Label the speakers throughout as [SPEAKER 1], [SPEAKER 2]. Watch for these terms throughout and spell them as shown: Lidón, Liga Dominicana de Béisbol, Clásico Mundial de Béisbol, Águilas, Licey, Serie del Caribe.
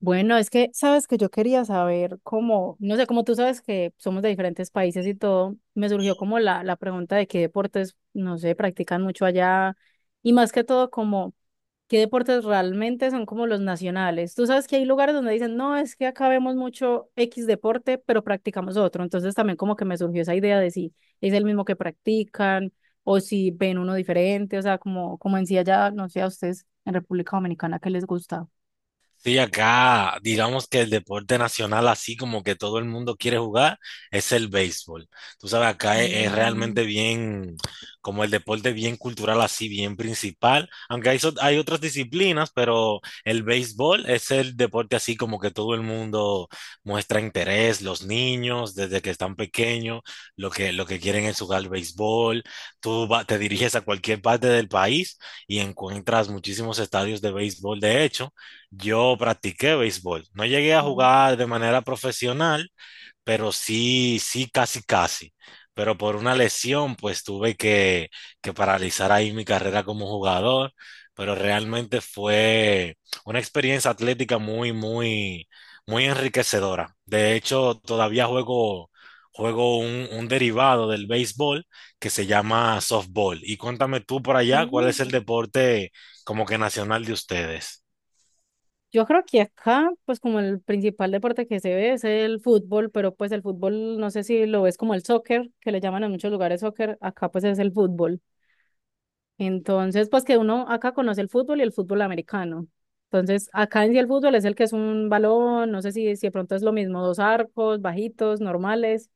[SPEAKER 1] Bueno, es que sabes que yo quería saber cómo, no sé, como tú sabes que somos de diferentes países y todo, me surgió como la pregunta de qué deportes, no sé, practican mucho allá y más que todo como qué deportes realmente son como los nacionales. Tú sabes que hay lugares donde dicen, no, es que acá vemos mucho X deporte, pero practicamos otro. Entonces también como que me surgió esa idea de si es el mismo que practican o si ven uno diferente, o sea, como, como en sí allá, no sé, a ustedes en República Dominicana, ¿qué les gusta?
[SPEAKER 2] Sí, acá, digamos que el deporte nacional, así como que todo el mundo quiere jugar, es el béisbol. Tú sabes, acá es
[SPEAKER 1] Mm,
[SPEAKER 2] realmente bien, como el deporte bien cultural, así bien principal. Aunque hay otras disciplinas, pero el béisbol es el deporte así como que todo el mundo muestra interés, los niños desde que están pequeños, lo que quieren es jugar béisbol. Te diriges a cualquier parte del país y encuentras muchísimos estadios de béisbol, de hecho. Yo practiqué béisbol. No llegué a
[SPEAKER 1] ujú.
[SPEAKER 2] jugar de manera profesional, pero sí, sí, casi, casi. Pero por una lesión, pues tuve que paralizar ahí mi carrera como jugador. Pero realmente fue una experiencia atlética muy, muy, muy enriquecedora. De hecho, todavía juego un derivado del béisbol que se llama softball. Y cuéntame tú por allá, ¿cuál es
[SPEAKER 1] Mm.
[SPEAKER 2] el deporte como que nacional de ustedes?
[SPEAKER 1] Yo creo que acá, pues como el principal deporte que se ve es el fútbol, pero pues el fútbol, no sé si lo ves como el soccer, que le llaman en muchos lugares soccer, acá pues es el fútbol. Entonces, pues que uno acá conoce el fútbol y el fútbol americano. Entonces, acá en sí el fútbol es el que es un balón, no sé si, si de pronto es lo mismo, dos arcos, bajitos, normales,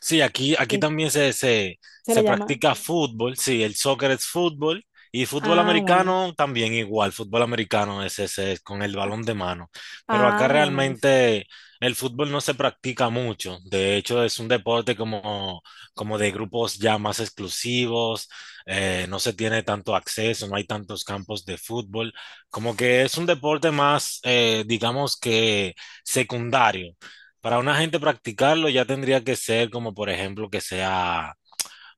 [SPEAKER 2] Sí, aquí
[SPEAKER 1] es-
[SPEAKER 2] también se, se,
[SPEAKER 1] se le
[SPEAKER 2] se
[SPEAKER 1] llama.
[SPEAKER 2] practica fútbol, sí, el soccer es fútbol y fútbol
[SPEAKER 1] Ah, bueno.
[SPEAKER 2] americano también igual, fútbol americano es ese, es con el
[SPEAKER 1] Ah,
[SPEAKER 2] balón de mano, pero acá
[SPEAKER 1] ah, bueno, es.
[SPEAKER 2] realmente el fútbol no se practica mucho, de hecho es un deporte como, como de grupos ya más exclusivos, no se tiene tanto acceso, no hay tantos campos de fútbol, como que es un deporte más, digamos que secundario. Para una gente practicarlo ya tendría que ser como, por ejemplo, que sea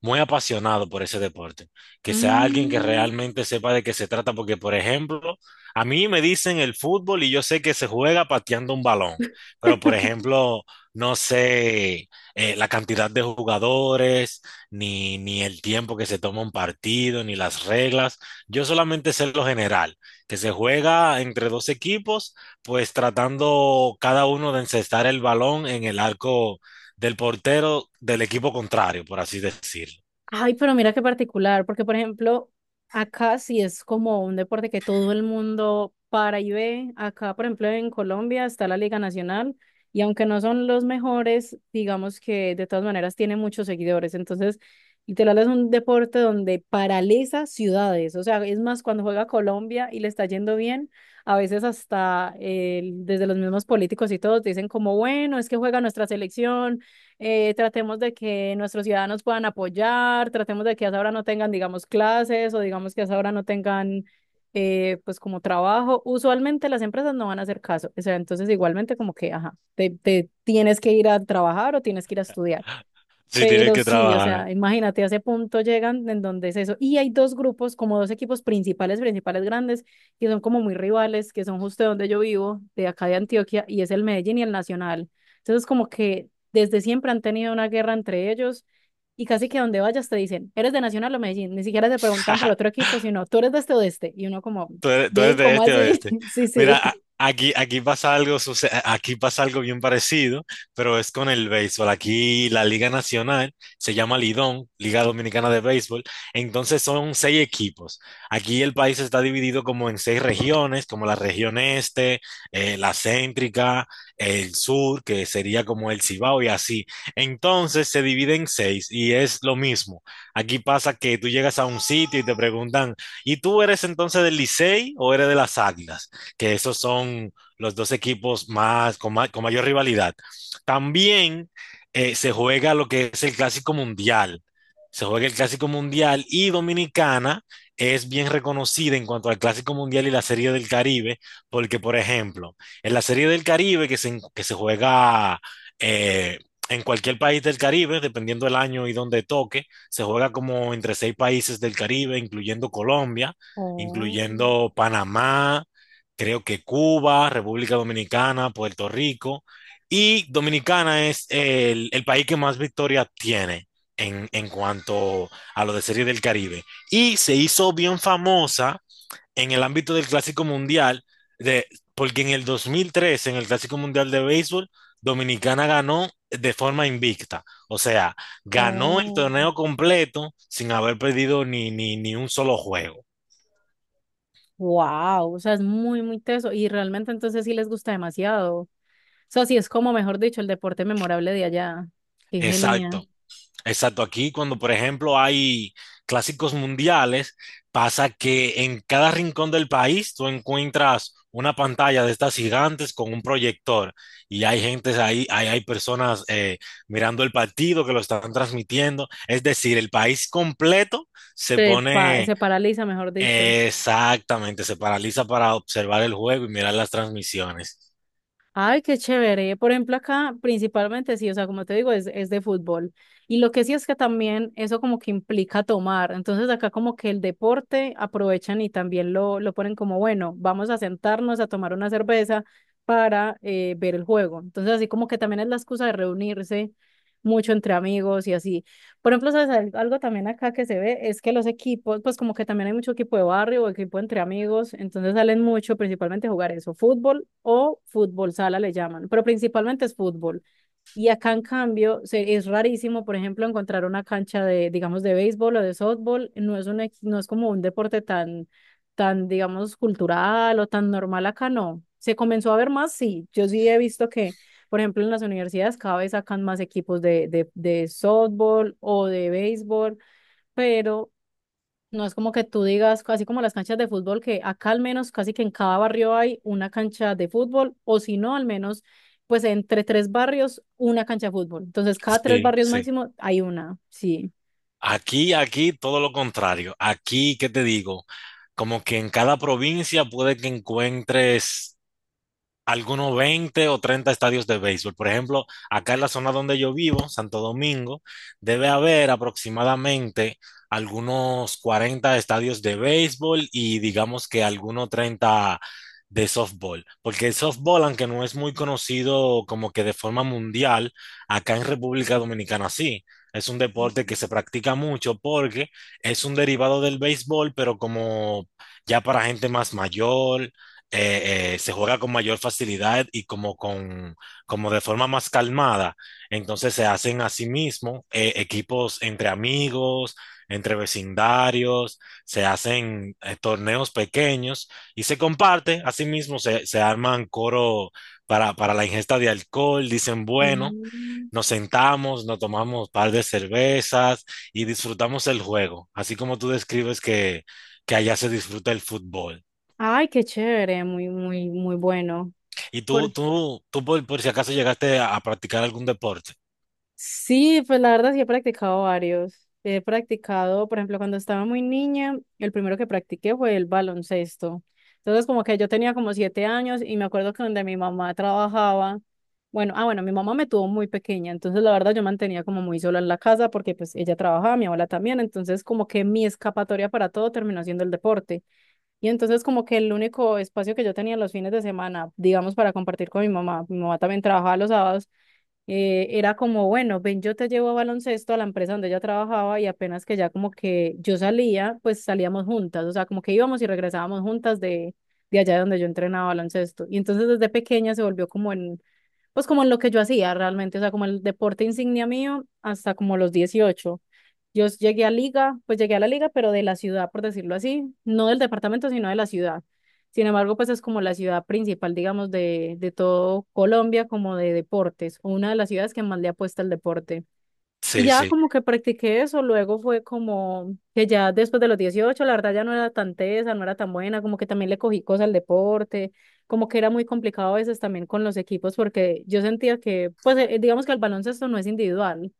[SPEAKER 2] muy apasionado por ese deporte, que sea alguien que realmente sepa de qué se trata, porque por ejemplo, a mí me dicen el fútbol y yo sé que se juega pateando un balón, pero por ejemplo, no sé la cantidad de jugadores, ni el tiempo que se toma un partido, ni las reglas, yo solamente sé lo general, que se juega entre dos equipos, pues tratando cada uno de encestar el balón en el arco del portero del equipo contrario, por así decirlo.
[SPEAKER 1] Ay, pero mira qué particular, porque por ejemplo, acá sí es como un deporte que todo el mundo para y ve. Acá, por ejemplo, en Colombia está la Liga Nacional y aunque no son los mejores, digamos que de todas maneras tiene muchos seguidores. Entonces, literal es un deporte donde paraliza ciudades. O sea, es más, cuando juega Colombia y le está yendo bien, a veces hasta desde los mismos políticos y todos dicen como, bueno, es que juega nuestra selección, tratemos de que nuestros ciudadanos puedan apoyar, tratemos de que a esa hora no tengan, digamos, clases o digamos que a esa hora no tengan, pues como trabajo. Usualmente las empresas no van a hacer caso, o sea, entonces igualmente como que, ajá, te tienes que ir a trabajar o tienes que ir a estudiar.
[SPEAKER 2] Si tienes
[SPEAKER 1] Pero
[SPEAKER 2] que
[SPEAKER 1] sí, o
[SPEAKER 2] trabajar.
[SPEAKER 1] sea, imagínate, a ese punto llegan en donde es eso. Y hay dos grupos, como dos equipos principales, principales grandes, que son como muy rivales, que son justo de donde yo vivo, de acá de Antioquia, y es el Medellín y el Nacional. Entonces, como que desde siempre han tenido una guerra entre ellos, y casi que donde vayas te dicen, ¿eres de Nacional o Medellín? Ni siquiera te preguntan por otro equipo, sino, ¿tú eres de este o de este? Y uno como,
[SPEAKER 2] Tú eres
[SPEAKER 1] ¿ven?
[SPEAKER 2] de
[SPEAKER 1] ¿Cómo
[SPEAKER 2] este a
[SPEAKER 1] así?
[SPEAKER 2] oeste.
[SPEAKER 1] Sí,
[SPEAKER 2] Mira,
[SPEAKER 1] sí.
[SPEAKER 2] aquí pasa algo, aquí pasa algo bien parecido, pero es con el béisbol. Aquí la Liga Nacional se llama Lidón, Liga Dominicana de Béisbol. Entonces son seis equipos. Aquí el país está dividido como en seis regiones, como la región este, la céntrica, el sur, que sería como el Cibao y así. Entonces se divide en seis y es lo mismo. Aquí pasa que tú llegas a un sitio y te preguntan. ¿Y tú eres entonces del Licey o eres de las Águilas? Que esos son los dos equipos más, con mayor rivalidad. También se juega lo que es el Clásico Mundial. Se juega el Clásico Mundial y Dominicana es bien reconocida en cuanto al Clásico Mundial y la Serie del Caribe, porque, por ejemplo, en la Serie del Caribe que se juega eh, en cualquier país del Caribe, dependiendo del año y donde toque, se juega como entre seis países del Caribe, incluyendo Colombia,
[SPEAKER 1] Oh,
[SPEAKER 2] incluyendo Panamá, creo que Cuba, República Dominicana, Puerto Rico, y Dominicana es el país que más victorias tiene en cuanto a lo de Serie del Caribe. Y se hizo bien famosa en el ámbito del Clásico Mundial, de, porque en el 2003 en el Clásico Mundial de Béisbol, Dominicana ganó de forma invicta. O sea, ganó el
[SPEAKER 1] oh.
[SPEAKER 2] torneo completo sin haber perdido ni un solo juego.
[SPEAKER 1] Wow, o sea, es muy, muy teso y realmente entonces sí les gusta demasiado. O sea, sí es como, mejor dicho, el deporte memorable de allá. Qué genial.
[SPEAKER 2] Exacto. Exacto, aquí cuando por ejemplo hay clásicos mundiales, pasa que en cada rincón del país tú encuentras una pantalla de estas gigantes con un proyector y hay gente ahí, hay personas mirando el partido que lo están transmitiendo, es decir, el país completo se
[SPEAKER 1] Se,
[SPEAKER 2] pone
[SPEAKER 1] se paraliza, mejor dicho.
[SPEAKER 2] exactamente, se paraliza para observar el juego y mirar las transmisiones.
[SPEAKER 1] Ay, qué chévere. Por ejemplo, acá principalmente sí, o sea, como te digo, es de fútbol. Y lo que sí es que también eso como que implica tomar. Entonces acá como que el deporte aprovechan y también lo ponen como, bueno, vamos a sentarnos a tomar una cerveza para ver el juego. Entonces así como que también es la excusa de reunirse mucho entre amigos y así. Por ejemplo, ¿sabes? Algo también acá que se ve es que los equipos, pues como que también hay mucho equipo de barrio o equipo entre amigos, entonces salen mucho principalmente a jugar eso, fútbol o fútbol sala le llaman, pero principalmente es fútbol. Y acá, en cambio, se, es rarísimo, por ejemplo, encontrar una cancha de, digamos, de béisbol o de softball. No es un, no es como un deporte tan, tan, digamos, cultural o tan normal acá, no. Se comenzó a ver más, sí. Yo sí he visto que, por ejemplo, en las universidades cada vez sacan más equipos de, de softball o de béisbol, pero no es como que tú digas, así como las canchas de fútbol, que acá al menos casi que en cada barrio hay una cancha de fútbol, o si no, al menos, pues entre tres barrios, una cancha de fútbol. Entonces, cada tres
[SPEAKER 2] Sí,
[SPEAKER 1] barrios
[SPEAKER 2] sí.
[SPEAKER 1] máximo hay una, sí.
[SPEAKER 2] Aquí, todo lo contrario. Aquí, ¿qué te digo? Como que en cada provincia puede que encuentres algunos 20 o 30 estadios de béisbol. Por ejemplo, acá en la zona donde yo vivo, Santo Domingo, debe haber aproximadamente algunos 40 estadios de béisbol y digamos que algunos 30 de softball, porque el softball, aunque no es muy conocido como que de forma mundial, acá en República Dominicana sí. Es un deporte que se practica mucho porque es un derivado del béisbol, pero como ya para gente más mayor, se juega con mayor facilidad y como, con, como de forma más calmada. Entonces se hacen a sí mismo equipos entre amigos, entre vecindarios, se hacen torneos pequeños y se comparte, asimismo se arman coro para la ingesta de alcohol, dicen, bueno,
[SPEAKER 1] Mm.
[SPEAKER 2] nos sentamos, nos tomamos un par de cervezas y disfrutamos el juego, así como tú describes que allá se disfruta el fútbol.
[SPEAKER 1] Ay, qué chévere, muy, muy, muy bueno.
[SPEAKER 2] ¿Y
[SPEAKER 1] Por,
[SPEAKER 2] tú por si acaso llegaste a practicar algún deporte?
[SPEAKER 1] Sí, pues la verdad sí he practicado varios. He practicado, por ejemplo, cuando estaba muy niña, el primero que practiqué fue el baloncesto. Entonces, como que yo tenía como 7 años y me acuerdo que donde mi mamá trabajaba, bueno, mi mamá me tuvo muy pequeña, entonces la verdad yo mantenía como muy sola en la casa porque pues ella trabajaba, mi abuela también, entonces como que mi escapatoria para todo terminó siendo el deporte. Y entonces como que el único espacio que yo tenía los fines de semana, digamos, para compartir con mi mamá también trabajaba los sábados, era como, bueno, ven, yo te llevo a baloncesto a la empresa donde ella trabajaba y apenas que ya como que yo salía, pues salíamos juntas, o sea, como que íbamos y regresábamos juntas de allá donde yo entrenaba baloncesto. Y entonces desde pequeña se volvió como en pues como en lo que yo hacía realmente, o sea, como el deporte insignia mío hasta como los 18. Yo llegué a liga, pues llegué a la liga, pero de la ciudad, por decirlo así, no del departamento, sino de la ciudad. Sin embargo, pues es como la ciudad principal, digamos, de todo Colombia, como de deportes, o una de las ciudades que más le apuesta al deporte. Y
[SPEAKER 2] Sí,
[SPEAKER 1] ya
[SPEAKER 2] sí.
[SPEAKER 1] como que practiqué eso, luego fue como que ya después de los 18 la verdad ya no era tan tesa, no era tan buena, como que también le cogí cosas al deporte, como que era muy complicado a veces también con los equipos, porque yo sentía que, pues digamos que el baloncesto no es individual,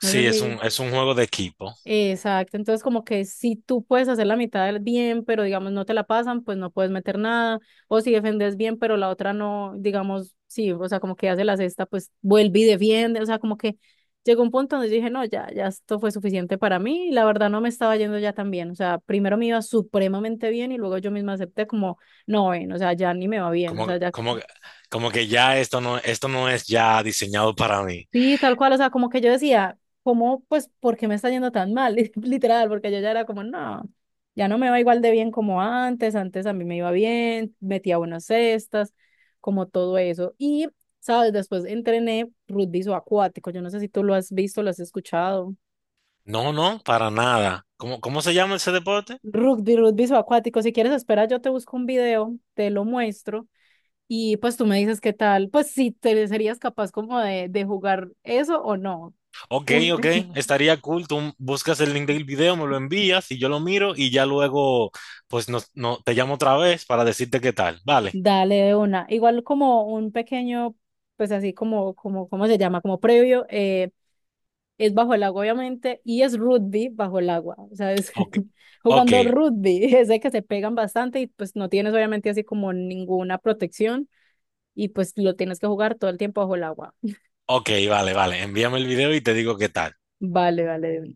[SPEAKER 1] no sé
[SPEAKER 2] es un,
[SPEAKER 1] si
[SPEAKER 2] es un juego de equipo.
[SPEAKER 1] Exacto, entonces como que si tú puedes hacer la mitad del bien, pero digamos no te la pasan, pues no puedes meter nada, o si defendes bien, pero la otra no, digamos, sí, o sea, como que hace la cesta, pues vuelve y defiende, o sea, como que llegó un punto donde dije, no, ya, ya esto fue suficiente para mí, y la verdad no me estaba yendo ya tan bien, o sea, primero me iba supremamente bien y luego yo misma acepté como, no, ven, o sea, ya ni me va bien, o
[SPEAKER 2] Como,
[SPEAKER 1] sea, ya
[SPEAKER 2] como, como que ya esto no, es ya diseñado para mí.
[SPEAKER 1] Sí, tal cual, o sea, como que yo decía, ¿cómo, pues, por qué me está yendo tan mal? Literal, porque yo ya era como, no, ya no me va igual de bien como antes, antes a mí me iba bien, metía buenas cestas, como todo eso. Y, ¿sabes? Después entrené rugby acuático, yo no sé si tú lo has visto, lo has escuchado.
[SPEAKER 2] No, no, para nada. ¿Cómo se llama ese deporte?
[SPEAKER 1] Rugby, rugby acuático, si quieres, espera, yo te busco un video, te lo muestro y pues tú me dices qué tal, pues si te serías capaz como de jugar eso o no.
[SPEAKER 2] Ok,
[SPEAKER 1] Un
[SPEAKER 2] ok, estaría cool. Tú buscas el link del video, me lo envías y yo lo miro y ya luego, pues, no, no, te llamo otra vez para decirte qué tal. Vale,
[SPEAKER 1] Dale de una. Igual como un pequeño, pues así como, como, ¿cómo se llama? Como previo, es bajo el agua, obviamente, y es rugby bajo el agua. O sea,
[SPEAKER 2] ok, ok,
[SPEAKER 1] jugando rugby, es de que se pegan bastante y pues no tienes obviamente así como ninguna protección y pues lo tienes que jugar todo el tiempo bajo el agua.
[SPEAKER 2] ok, vale, vale. Envíame el video y te digo qué tal.
[SPEAKER 1] Vale, vale, de una.